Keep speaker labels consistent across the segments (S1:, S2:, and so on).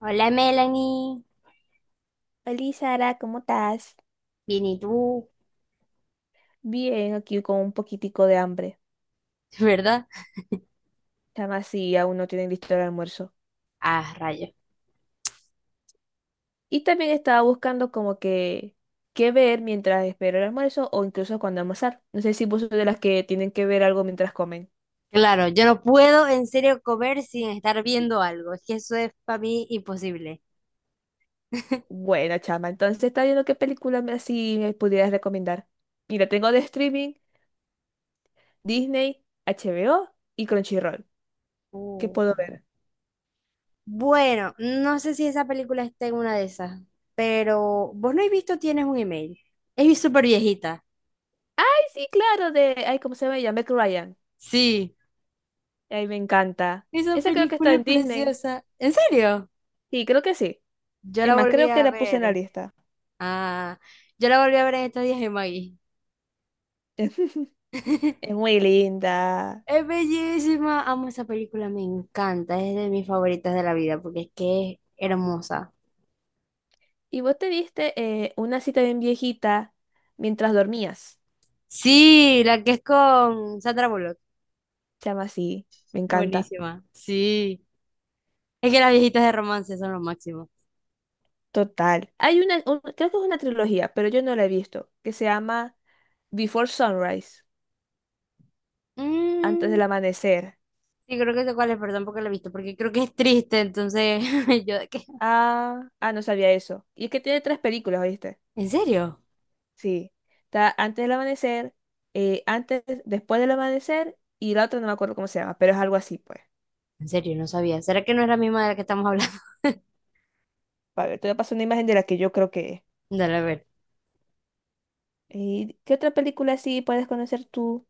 S1: Hola, Melanie.
S2: Hola Sara, ¿cómo estás?
S1: Bien, ¿y tú?
S2: Bien, aquí con un poquitico de hambre.
S1: ¿Verdad?
S2: Chama sí, aún no tienen listo el almuerzo.
S1: Ah, rayos.
S2: Y también estaba buscando como que qué ver mientras espero el almuerzo o incluso cuando almorzar. No sé si vos sos de las que tienen que ver algo mientras comen.
S1: Claro, yo no puedo en serio comer sin estar viendo algo, es que eso es para mí imposible.
S2: Buena chama, entonces está viendo qué película me así me pudieras recomendar. Mira, tengo de streaming Disney, HBO y Crunchyroll. ¿Qué
S1: Uh.
S2: puedo ver?
S1: Bueno, no sé si esa película está en una de esas, pero vos no has visto Tienes un email. Es súper viejita.
S2: Ay, sí, claro, de... Ay, ¿cómo se llama ella? Meg Ryan.
S1: Sí,
S2: Ay, me encanta.
S1: esa
S2: Esa creo que está
S1: película
S2: en
S1: es
S2: Disney.
S1: preciosa. ¿En serio?
S2: Sí, creo que sí.
S1: Yo
S2: Es
S1: la
S2: más,
S1: volví
S2: creo que
S1: a
S2: la puse en la
S1: ver.
S2: lista.
S1: Ah, yo la volví a ver en estos días en Maggie.
S2: Es muy linda.
S1: Es bellísima, amo esa película, me encanta, es de mis favoritas de la vida porque es que es hermosa.
S2: ¿Y vos te viste una cita bien viejita mientras dormías?
S1: Sí, la que es con Sandra Bullock,
S2: Se llama así. Me
S1: es
S2: encanta.
S1: buenísima, sí. Es que las viejitas de romance son lo máximo.
S2: Total. Hay una, creo que es una trilogía, pero yo no la he visto, que se llama Before Sunrise, antes
S1: Mm,
S2: del amanecer.
S1: sí, creo que sé cuál es, perdón porque la he visto, porque creo que es triste, entonces yo de qué.
S2: Ah, ah, no sabía eso. Y es que tiene tres películas, ¿oíste?
S1: ¿En serio?
S2: Sí, está antes del amanecer, antes, después del amanecer y la otra no me acuerdo cómo se llama, pero es algo así, pues.
S1: En serio, no sabía. ¿Será que no es la misma de la que estamos hablando?
S2: A ver, te voy a pasar una imagen de la que yo creo que es.
S1: Dale, a ver.
S2: ¿Y qué otra película así puedes conocer tú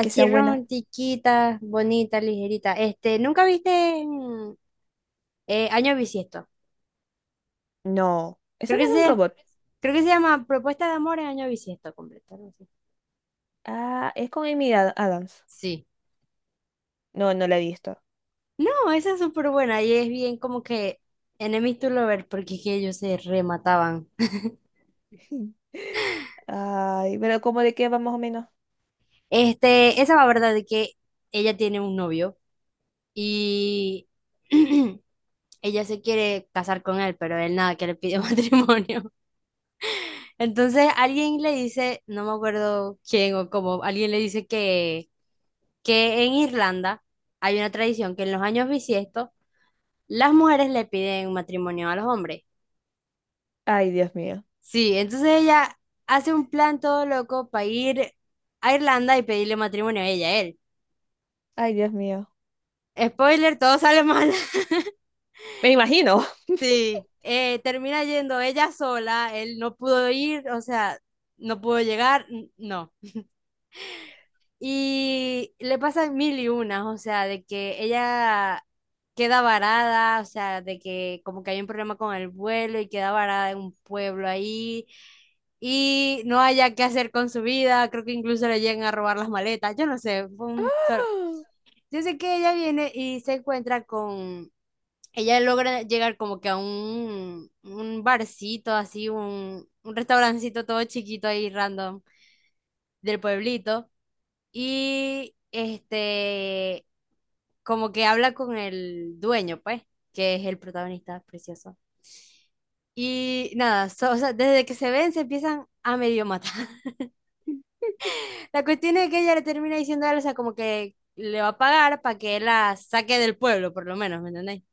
S2: que sea buena?
S1: romantiquita, bonita, ligerita. Este, ¿nunca viste Año Bisiesto?
S2: No, esa
S1: Creo
S2: no
S1: que
S2: es de un
S1: sí.
S2: robot.
S1: Creo que se llama Propuesta de amor en año bisiesto completo, algo así.
S2: Ah, es con Adams.
S1: Sí.
S2: No, no la he visto.
S1: No, esa es súper buena y es bien como que enemies to lovers porque es que ellos se remataban.
S2: Ay, pero ¿cómo de qué va más o menos?
S1: Este, esa va verdad de que ella tiene un novio y ella se quiere casar con él, pero él nada que le pide matrimonio. Entonces alguien le dice, no me acuerdo quién o cómo, alguien le dice que en Irlanda hay una tradición que en los años bisiestos las mujeres le piden matrimonio a los hombres.
S2: Ay, Dios mío.
S1: Sí, entonces ella hace un plan todo loco para ir a Irlanda y pedirle matrimonio a ella, a él.
S2: Ay, Dios mío.
S1: Spoiler, todo sale mal.
S2: Me imagino.
S1: Sí, termina yendo ella sola, él no pudo ir, o sea, no pudo llegar, no. Y le pasan mil y unas, o sea, de que ella queda varada, o sea, de que como que hay un problema con el vuelo y queda varada en un pueblo ahí y no haya qué hacer con su vida, creo que incluso le llegan a robar las maletas, yo no sé, fue un
S2: Ah,
S1: Yo sé que ella viene y se encuentra con, ella logra llegar como que a un barcito, así, un restaurancito todo chiquito ahí random del pueblito. Y este, como que habla con el dueño, pues, que es el protagonista precioso. Y nada, o sea, desde que se ven se empiezan a medio matar. La cuestión es que ella le termina diciendo a él, o sea, como que le va a pagar para que él la saque del pueblo, por lo menos, ¿me entendéis?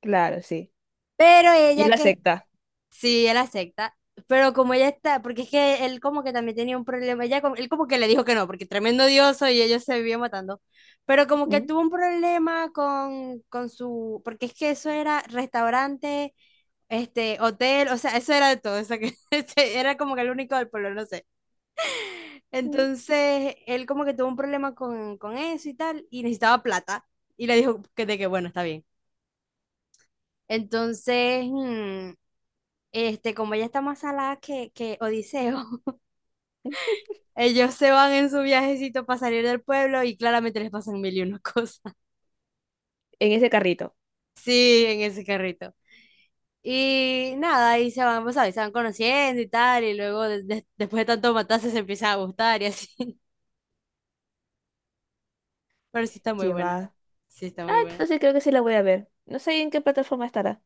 S2: claro, sí.
S1: Pero
S2: Y
S1: ella
S2: la
S1: que
S2: secta.
S1: sí, él acepta, pero como ella está, porque es que él como que también tenía un problema, ella, él como que le dijo que no, porque tremendo dioso y ellos se vivían matando, pero como que
S2: Mm,
S1: tuvo un problema con, su, porque es que eso era restaurante, este, hotel, o sea, eso era de todo, o sea, que este, era como que el único del pueblo, no sé.
S2: mm.
S1: Entonces, él como que tuvo un problema con, eso y tal, y necesitaba plata, y le dijo que de que bueno, está bien. Entonces, este, como ella está más salada que Odiseo, ellos se van en su viajecito para salir del pueblo y claramente les pasan mil y una cosas.
S2: En ese carrito.
S1: Sí, en ese carrito. Y nada, ahí se van, pues, ¿sabes? Se van conociendo y tal, y luego después de tanto matarse se empiezan a gustar y así. Pero sí está muy
S2: Que
S1: buena.
S2: va.
S1: Sí está
S2: Ah,
S1: muy buena.
S2: entonces creo que sí la voy a ver. No sé en qué plataforma estará.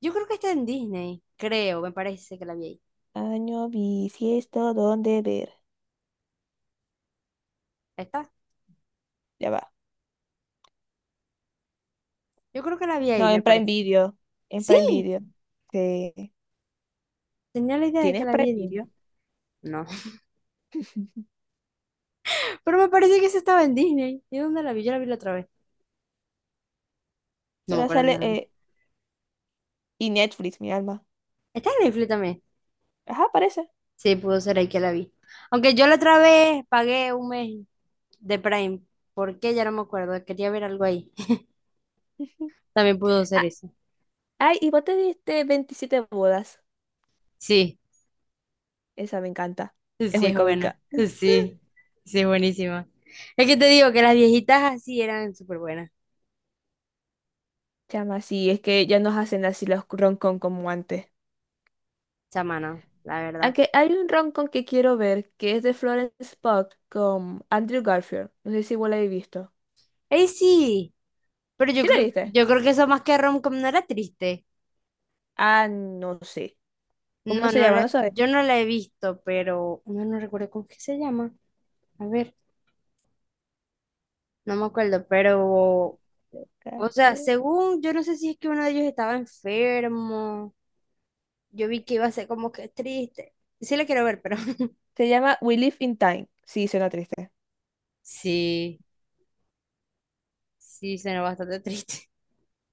S1: Yo creo que está en Disney, creo, me parece que la vi ahí.
S2: Año bisiesto, ¿dónde ver?
S1: ¿Está?
S2: Ya va.
S1: Yo creo que la vi
S2: No,
S1: ahí,
S2: en
S1: me
S2: Prime
S1: parece.
S2: Video. En
S1: Sí,
S2: Prime Video. Sí.
S1: tenía la idea de que
S2: ¿Tienes
S1: la
S2: Prime
S1: vi en
S2: Video?
S1: Disney. No. Pero me parece que esa estaba en Disney. ¿Y dónde la vi? Yo la vi la otra vez. No me
S2: Pero
S1: acuerdo
S2: sale.
S1: dónde la vi.
S2: Y Netflix, mi alma.
S1: Está en Netflix también.
S2: Ajá, parece.
S1: Sí, pudo ser ahí que la vi. Aunque yo la otra vez pagué un mes de Prime. ¿Por qué? Ya no me acuerdo. Quería ver algo ahí. También pudo ser
S2: Ah,
S1: eso.
S2: ay, y vos te viste 27 bodas.
S1: Sí,
S2: Esa me encanta. Es
S1: sí
S2: muy
S1: es buena.
S2: cómica.
S1: Sí, sí es buenísima. Es que te digo que las viejitas así eran súper buenas.
S2: Chama, sí, es que ya nos hacen así los roncon como antes.
S1: Chamano, la verdad.
S2: Aunque hay un roncon que quiero ver que es de Florence Pugh con Andrew Garfield. No sé si vos la habéis visto.
S1: ¡Ey, sí! Pero yo
S2: ¿Sí la
S1: creo,
S2: viste?
S1: yo creo que eso más que romcom no era triste.
S2: Ah, no sé. ¿Cómo
S1: No,
S2: se
S1: no
S2: llama? No
S1: la,
S2: sabes.
S1: yo no la he visto, pero no, no recuerdo cómo es que se llama. A ver, no me acuerdo, pero o sea, según, yo no sé si es que uno de ellos estaba enfermo. Yo vi que iba a ser como que triste. Sí la quiero ver, pero
S2: Se llama We Live in Time. Sí, suena triste.
S1: sí, sí, suena bastante triste.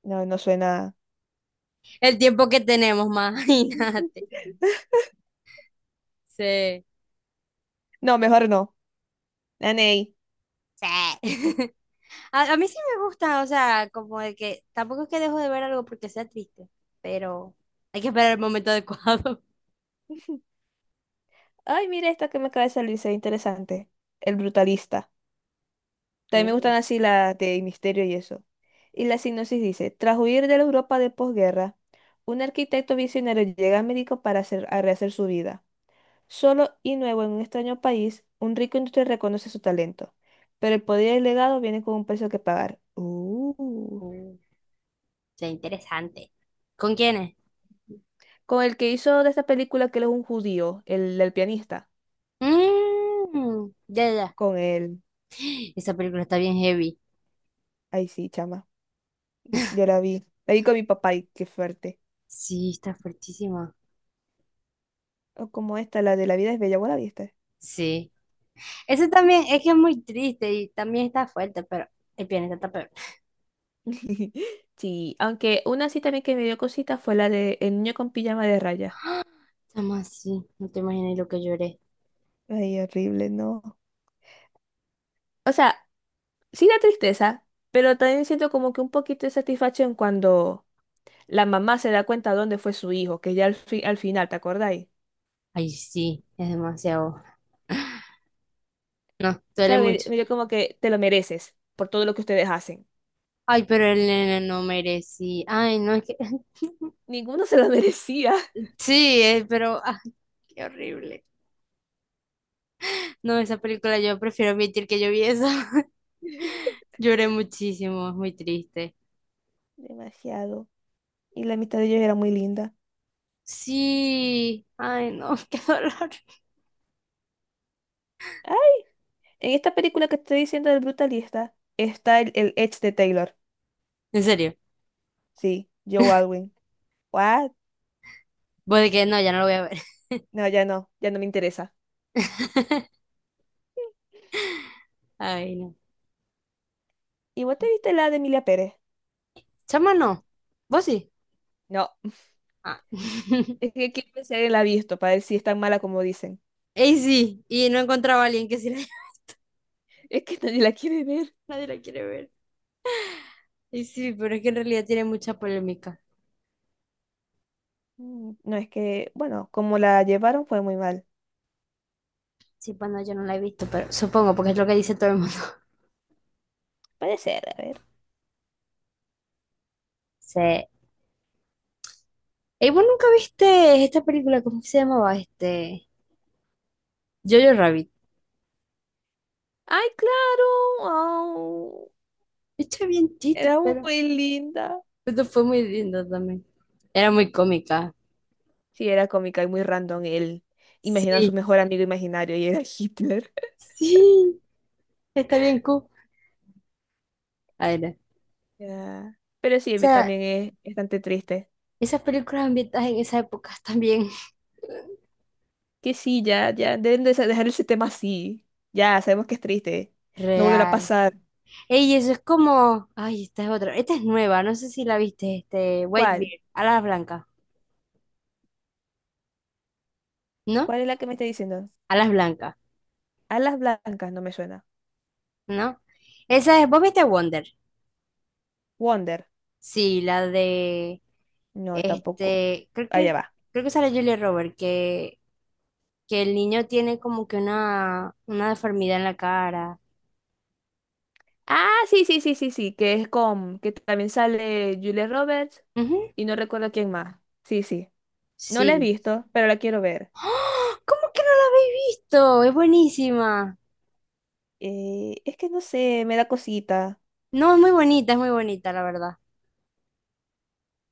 S2: No, no suena.
S1: El tiempo que tenemos, imagínate. Sí.
S2: No, mejor no. Nanei.
S1: Sí. A mí sí me gusta, o sea, como de que tampoco es que dejo de ver algo porque sea triste, pero hay que esperar el momento adecuado.
S2: Ay, mira esta que me acaba de salir, se ve interesante. El brutalista. También
S1: Uh,
S2: me gustan así las de misterio y eso. Y la sinopsis dice: tras huir de la Europa de posguerra, un arquitecto visionario llega a México para hacer, a rehacer su vida. Solo y nuevo en un extraño país, un rico industrial reconoce su talento, pero el poder y el legado vienen con un precio que pagar.
S1: uh, sea interesante. ¿Con quiénes?
S2: Con el que hizo de esta película que él es un judío, el del pianista.
S1: Mm, ya. Ya.
S2: Con él.
S1: Esa película está bien heavy.
S2: Ay, sí, chama. Yo la vi. La vi con mi papá y qué fuerte.
S1: Sí, está fuertísimo.
S2: O como esta, la de La vida es bella, ¿vos la viste?
S1: Sí. Eso también es que es muy triste y también está fuerte, pero el planeta está peor.
S2: Sí, aunque una sí también que me dio cosita fue la de El niño con pijama de rayas.
S1: Estamos así, no te imaginas lo que lloré.
S2: Ay, horrible, no. O sea, sí da tristeza, pero también siento como que un poquito de satisfacción cuando la mamá se da cuenta dónde fue su hijo, que ya al final, ¿te acordáis?
S1: Ay, sí, es demasiado. No,
S2: O
S1: duele
S2: sea,
S1: mucho.
S2: me dio como que te lo mereces por todo lo que ustedes hacen.
S1: Ay, pero el nene no merecía. Ay, no, es que.
S2: Ninguno se lo merecía.
S1: Sí, pero. Ah, qué horrible. No, esa película yo prefiero admitir que yo vi esa. Lloré muchísimo, es muy triste.
S2: Demasiado. Y la amistad de ellos era muy linda.
S1: Sí, ay, no, qué dolor.
S2: Ay, en esta película que te estoy diciendo del brutalista está el ex de Taylor.
S1: En serio,
S2: Sí, Joe Alwyn. ¿What?
S1: pues de que no, ya no lo voy a ver.
S2: No, ya no, ya no me interesa.
S1: Ay, no.
S2: ¿Y vos te viste la de Emilia Pérez?
S1: Chama, no. ¿Vos sí?
S2: No.
S1: Ah.
S2: Es que quiero ver si alguien la ha visto para ver si es tan mala como dicen.
S1: Y sí, y no encontraba a alguien que sí la.
S2: Es que nadie la quiere ver.
S1: Nadie la quiere ver. Y sí, pero es que en realidad tiene mucha polémica.
S2: Mm, no, es que, bueno, como la llevaron fue muy mal.
S1: Sí, pues no, yo no la he visto, pero supongo, porque es lo que dice todo el mundo.
S2: Puede ser, a ver.
S1: Sí. ¿Y vos nunca viste esta película? ¿Cómo que se llamaba? Este, Jojo Rabbit.
S2: ¡Ay, claro! Au,
S1: Esto es bien chiste,
S2: era
S1: pero.
S2: muy linda.
S1: Esto fue muy lindo también. Era muy cómica.
S2: Sí, era cómica y muy random él. Imagina a su
S1: Sí,
S2: mejor amigo imaginario y era Hitler.
S1: sí. Está bien cool. A ver. O
S2: Ya. Pero sí,
S1: sea,
S2: también es bastante triste.
S1: esas películas ambientadas en esa época también.
S2: Que sí, ya, ya, deben de dejar ese tema así. Ya, sabemos que es triste. No volverá a
S1: Real.
S2: pasar.
S1: Ey, eso es como. Ay, esta es otra. Esta es nueva, no sé si la viste, este,
S2: ¿Cuál?
S1: Whitebeard, Alas Blancas, ¿no?
S2: ¿Cuál es la que me está diciendo?
S1: Alas Blancas,
S2: Alas blancas, no me suena.
S1: ¿no? Esa es, ¿vos viste Wonder?
S2: Wonder,
S1: Sí, la de
S2: no, tampoco.
S1: este, creo que,
S2: Allá va.
S1: creo que sale Julia Roberts que, el niño tiene como que una deformidad en la cara.
S2: Ah, sí, sí, sí, sí, sí, que es con, que también sale Julia Roberts
S1: Ujú.
S2: y no recuerdo quién más. Sí, sí. No la he
S1: Sí.
S2: visto, pero la quiero ver.
S1: ¡Ah! ¿Cómo que no la habéis visto? Es buenísima.
S2: Es que no sé, me da cosita.
S1: No, es muy bonita, la verdad.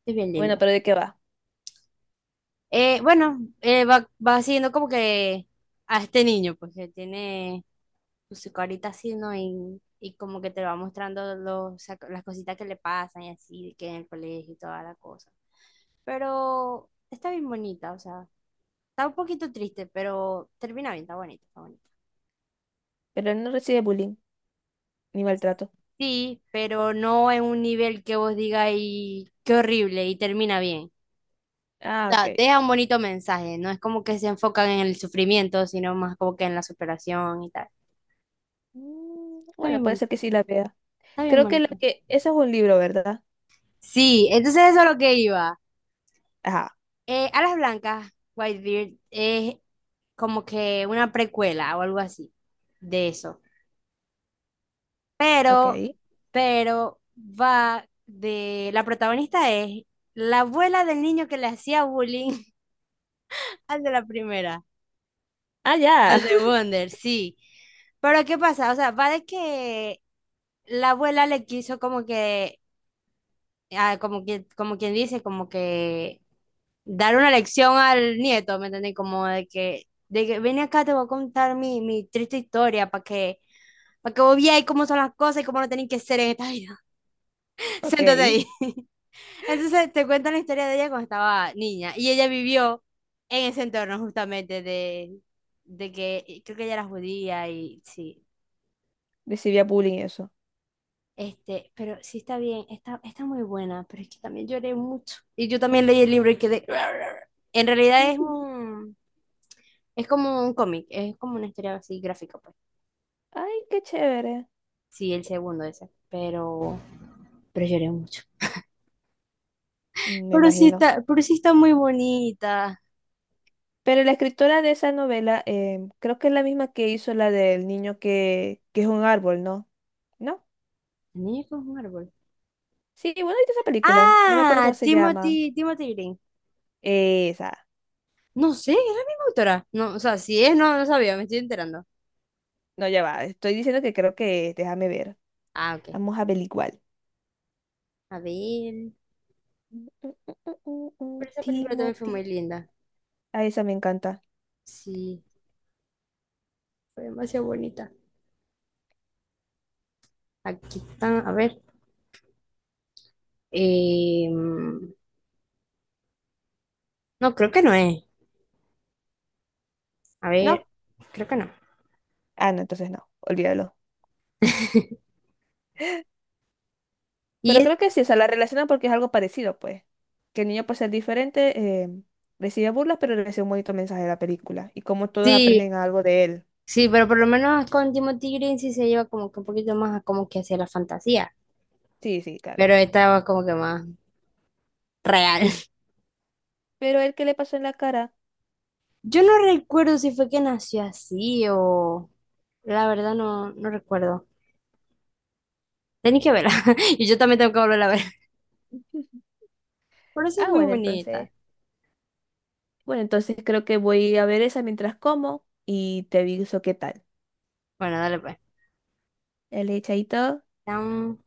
S1: Es bien
S2: Bueno,
S1: linda.
S2: pero ¿de qué va?
S1: Bueno, va siguiendo como que a este niño, pues que tiene pues, su carita así, ¿no? Y como que te va mostrando las cositas que le pasan y así, que en el colegio y toda la cosa. Pero está bien bonita, o sea, está un poquito triste, pero termina bien, está bonita, está bonita.
S2: Pero no recibe bullying ni maltrato.
S1: Sí, pero no en un nivel que vos digas y qué horrible y termina bien. O
S2: Ah, ok.
S1: sea, deja un bonito mensaje, no es como que se enfocan en el sufrimiento, sino más como que en la superación y tal.
S2: Mm,
S1: Está
S2: bueno,
S1: bien
S2: puede
S1: bonito,
S2: ser que sí la vea.
S1: está bien
S2: Creo que lo
S1: bonito.
S2: que... Eso es un libro, ¿verdad?
S1: Sí, entonces eso es lo que iba.
S2: Ajá,
S1: Alas Blancas, Whitebeard, es como que una precuela o algo así de eso. Pero,
S2: ok.
S1: pero va de, la protagonista es la abuela del niño que le hacía bullying al de la primera,
S2: Ah, ya.
S1: al de Wonder, sí. Pero ¿qué pasa? O sea, va de que la abuela le quiso como que, ah, como que, como quien dice, como que dar una lección al nieto, ¿me entendés? Como de que ven acá, te voy a contar mi, mi triste historia para que, vos veáis cómo son las cosas y cómo no tienen que ser en esta vida. Siéntate
S2: Ok.
S1: ahí. Entonces te cuentan la historia de ella cuando estaba niña y ella vivió en ese entorno justamente de que creo que ella era judía y sí.
S2: Recibía bullying eso.
S1: Este, pero sí está bien, está, está muy buena, pero es que también lloré mucho. Y yo también leí el libro y quedé. En realidad es un, es como un cómic, es como una historia así gráfica, pues.
S2: Ay, qué chévere.
S1: Sí, el segundo ese, pero lloré mucho.
S2: Me imagino.
S1: Pero sí está muy bonita.
S2: Pero la escritora de esa novela, creo que es la misma que hizo la del niño que es un árbol, ¿no? ¿No?
S1: El niño que es un árbol.
S2: Sí, bueno, ¿viste esa película? No me acuerdo
S1: Ah,
S2: cómo se llama.
S1: Timothy, Timothy Green.
S2: Esa.
S1: No sé, es la misma autora. No, o sea, si es, no, no sabía, me estoy enterando.
S2: No, ya va. Estoy diciendo que creo que es. Déjame ver.
S1: Ah, ok.
S2: Vamos a averiguar.
S1: A ver.
S2: Mm, mm, mm, mm, mm, mm.
S1: Pero esa película también fue muy
S2: Timothy.
S1: linda.
S2: Ah, esa me encanta.
S1: Sí, fue demasiado bonita. Aquí están, a ver. Em, no, creo que no es. A ver,
S2: ¿No?
S1: creo que no.
S2: Ah, no, entonces no. Olvídalo.
S1: Y
S2: Pero
S1: es-
S2: creo que sí, o sea, la relacionan porque es algo parecido, pues. Que el niño, por ser diferente, recibe burlas, pero recibe un bonito mensaje de la película. Y como todos
S1: sí,
S2: aprenden algo de él.
S1: sí, pero por lo menos con Timothy Green sí se lleva como que un poquito más a como que hacia la fantasía,
S2: Sí, sí, claro.
S1: pero esta es como que más real.
S2: Pero el que le pasó en la cara.
S1: Yo no recuerdo si fue que nació así o. La verdad no, no recuerdo. Tenéis que verla. Y yo también tengo que volver a ver. Pero sí es
S2: Ah,
S1: muy
S2: bueno, entonces.
S1: bonita.
S2: Bueno, entonces creo que voy a ver esa mientras como y te aviso qué tal.
S1: Bueno, dale pues.
S2: El chaito.
S1: Chao.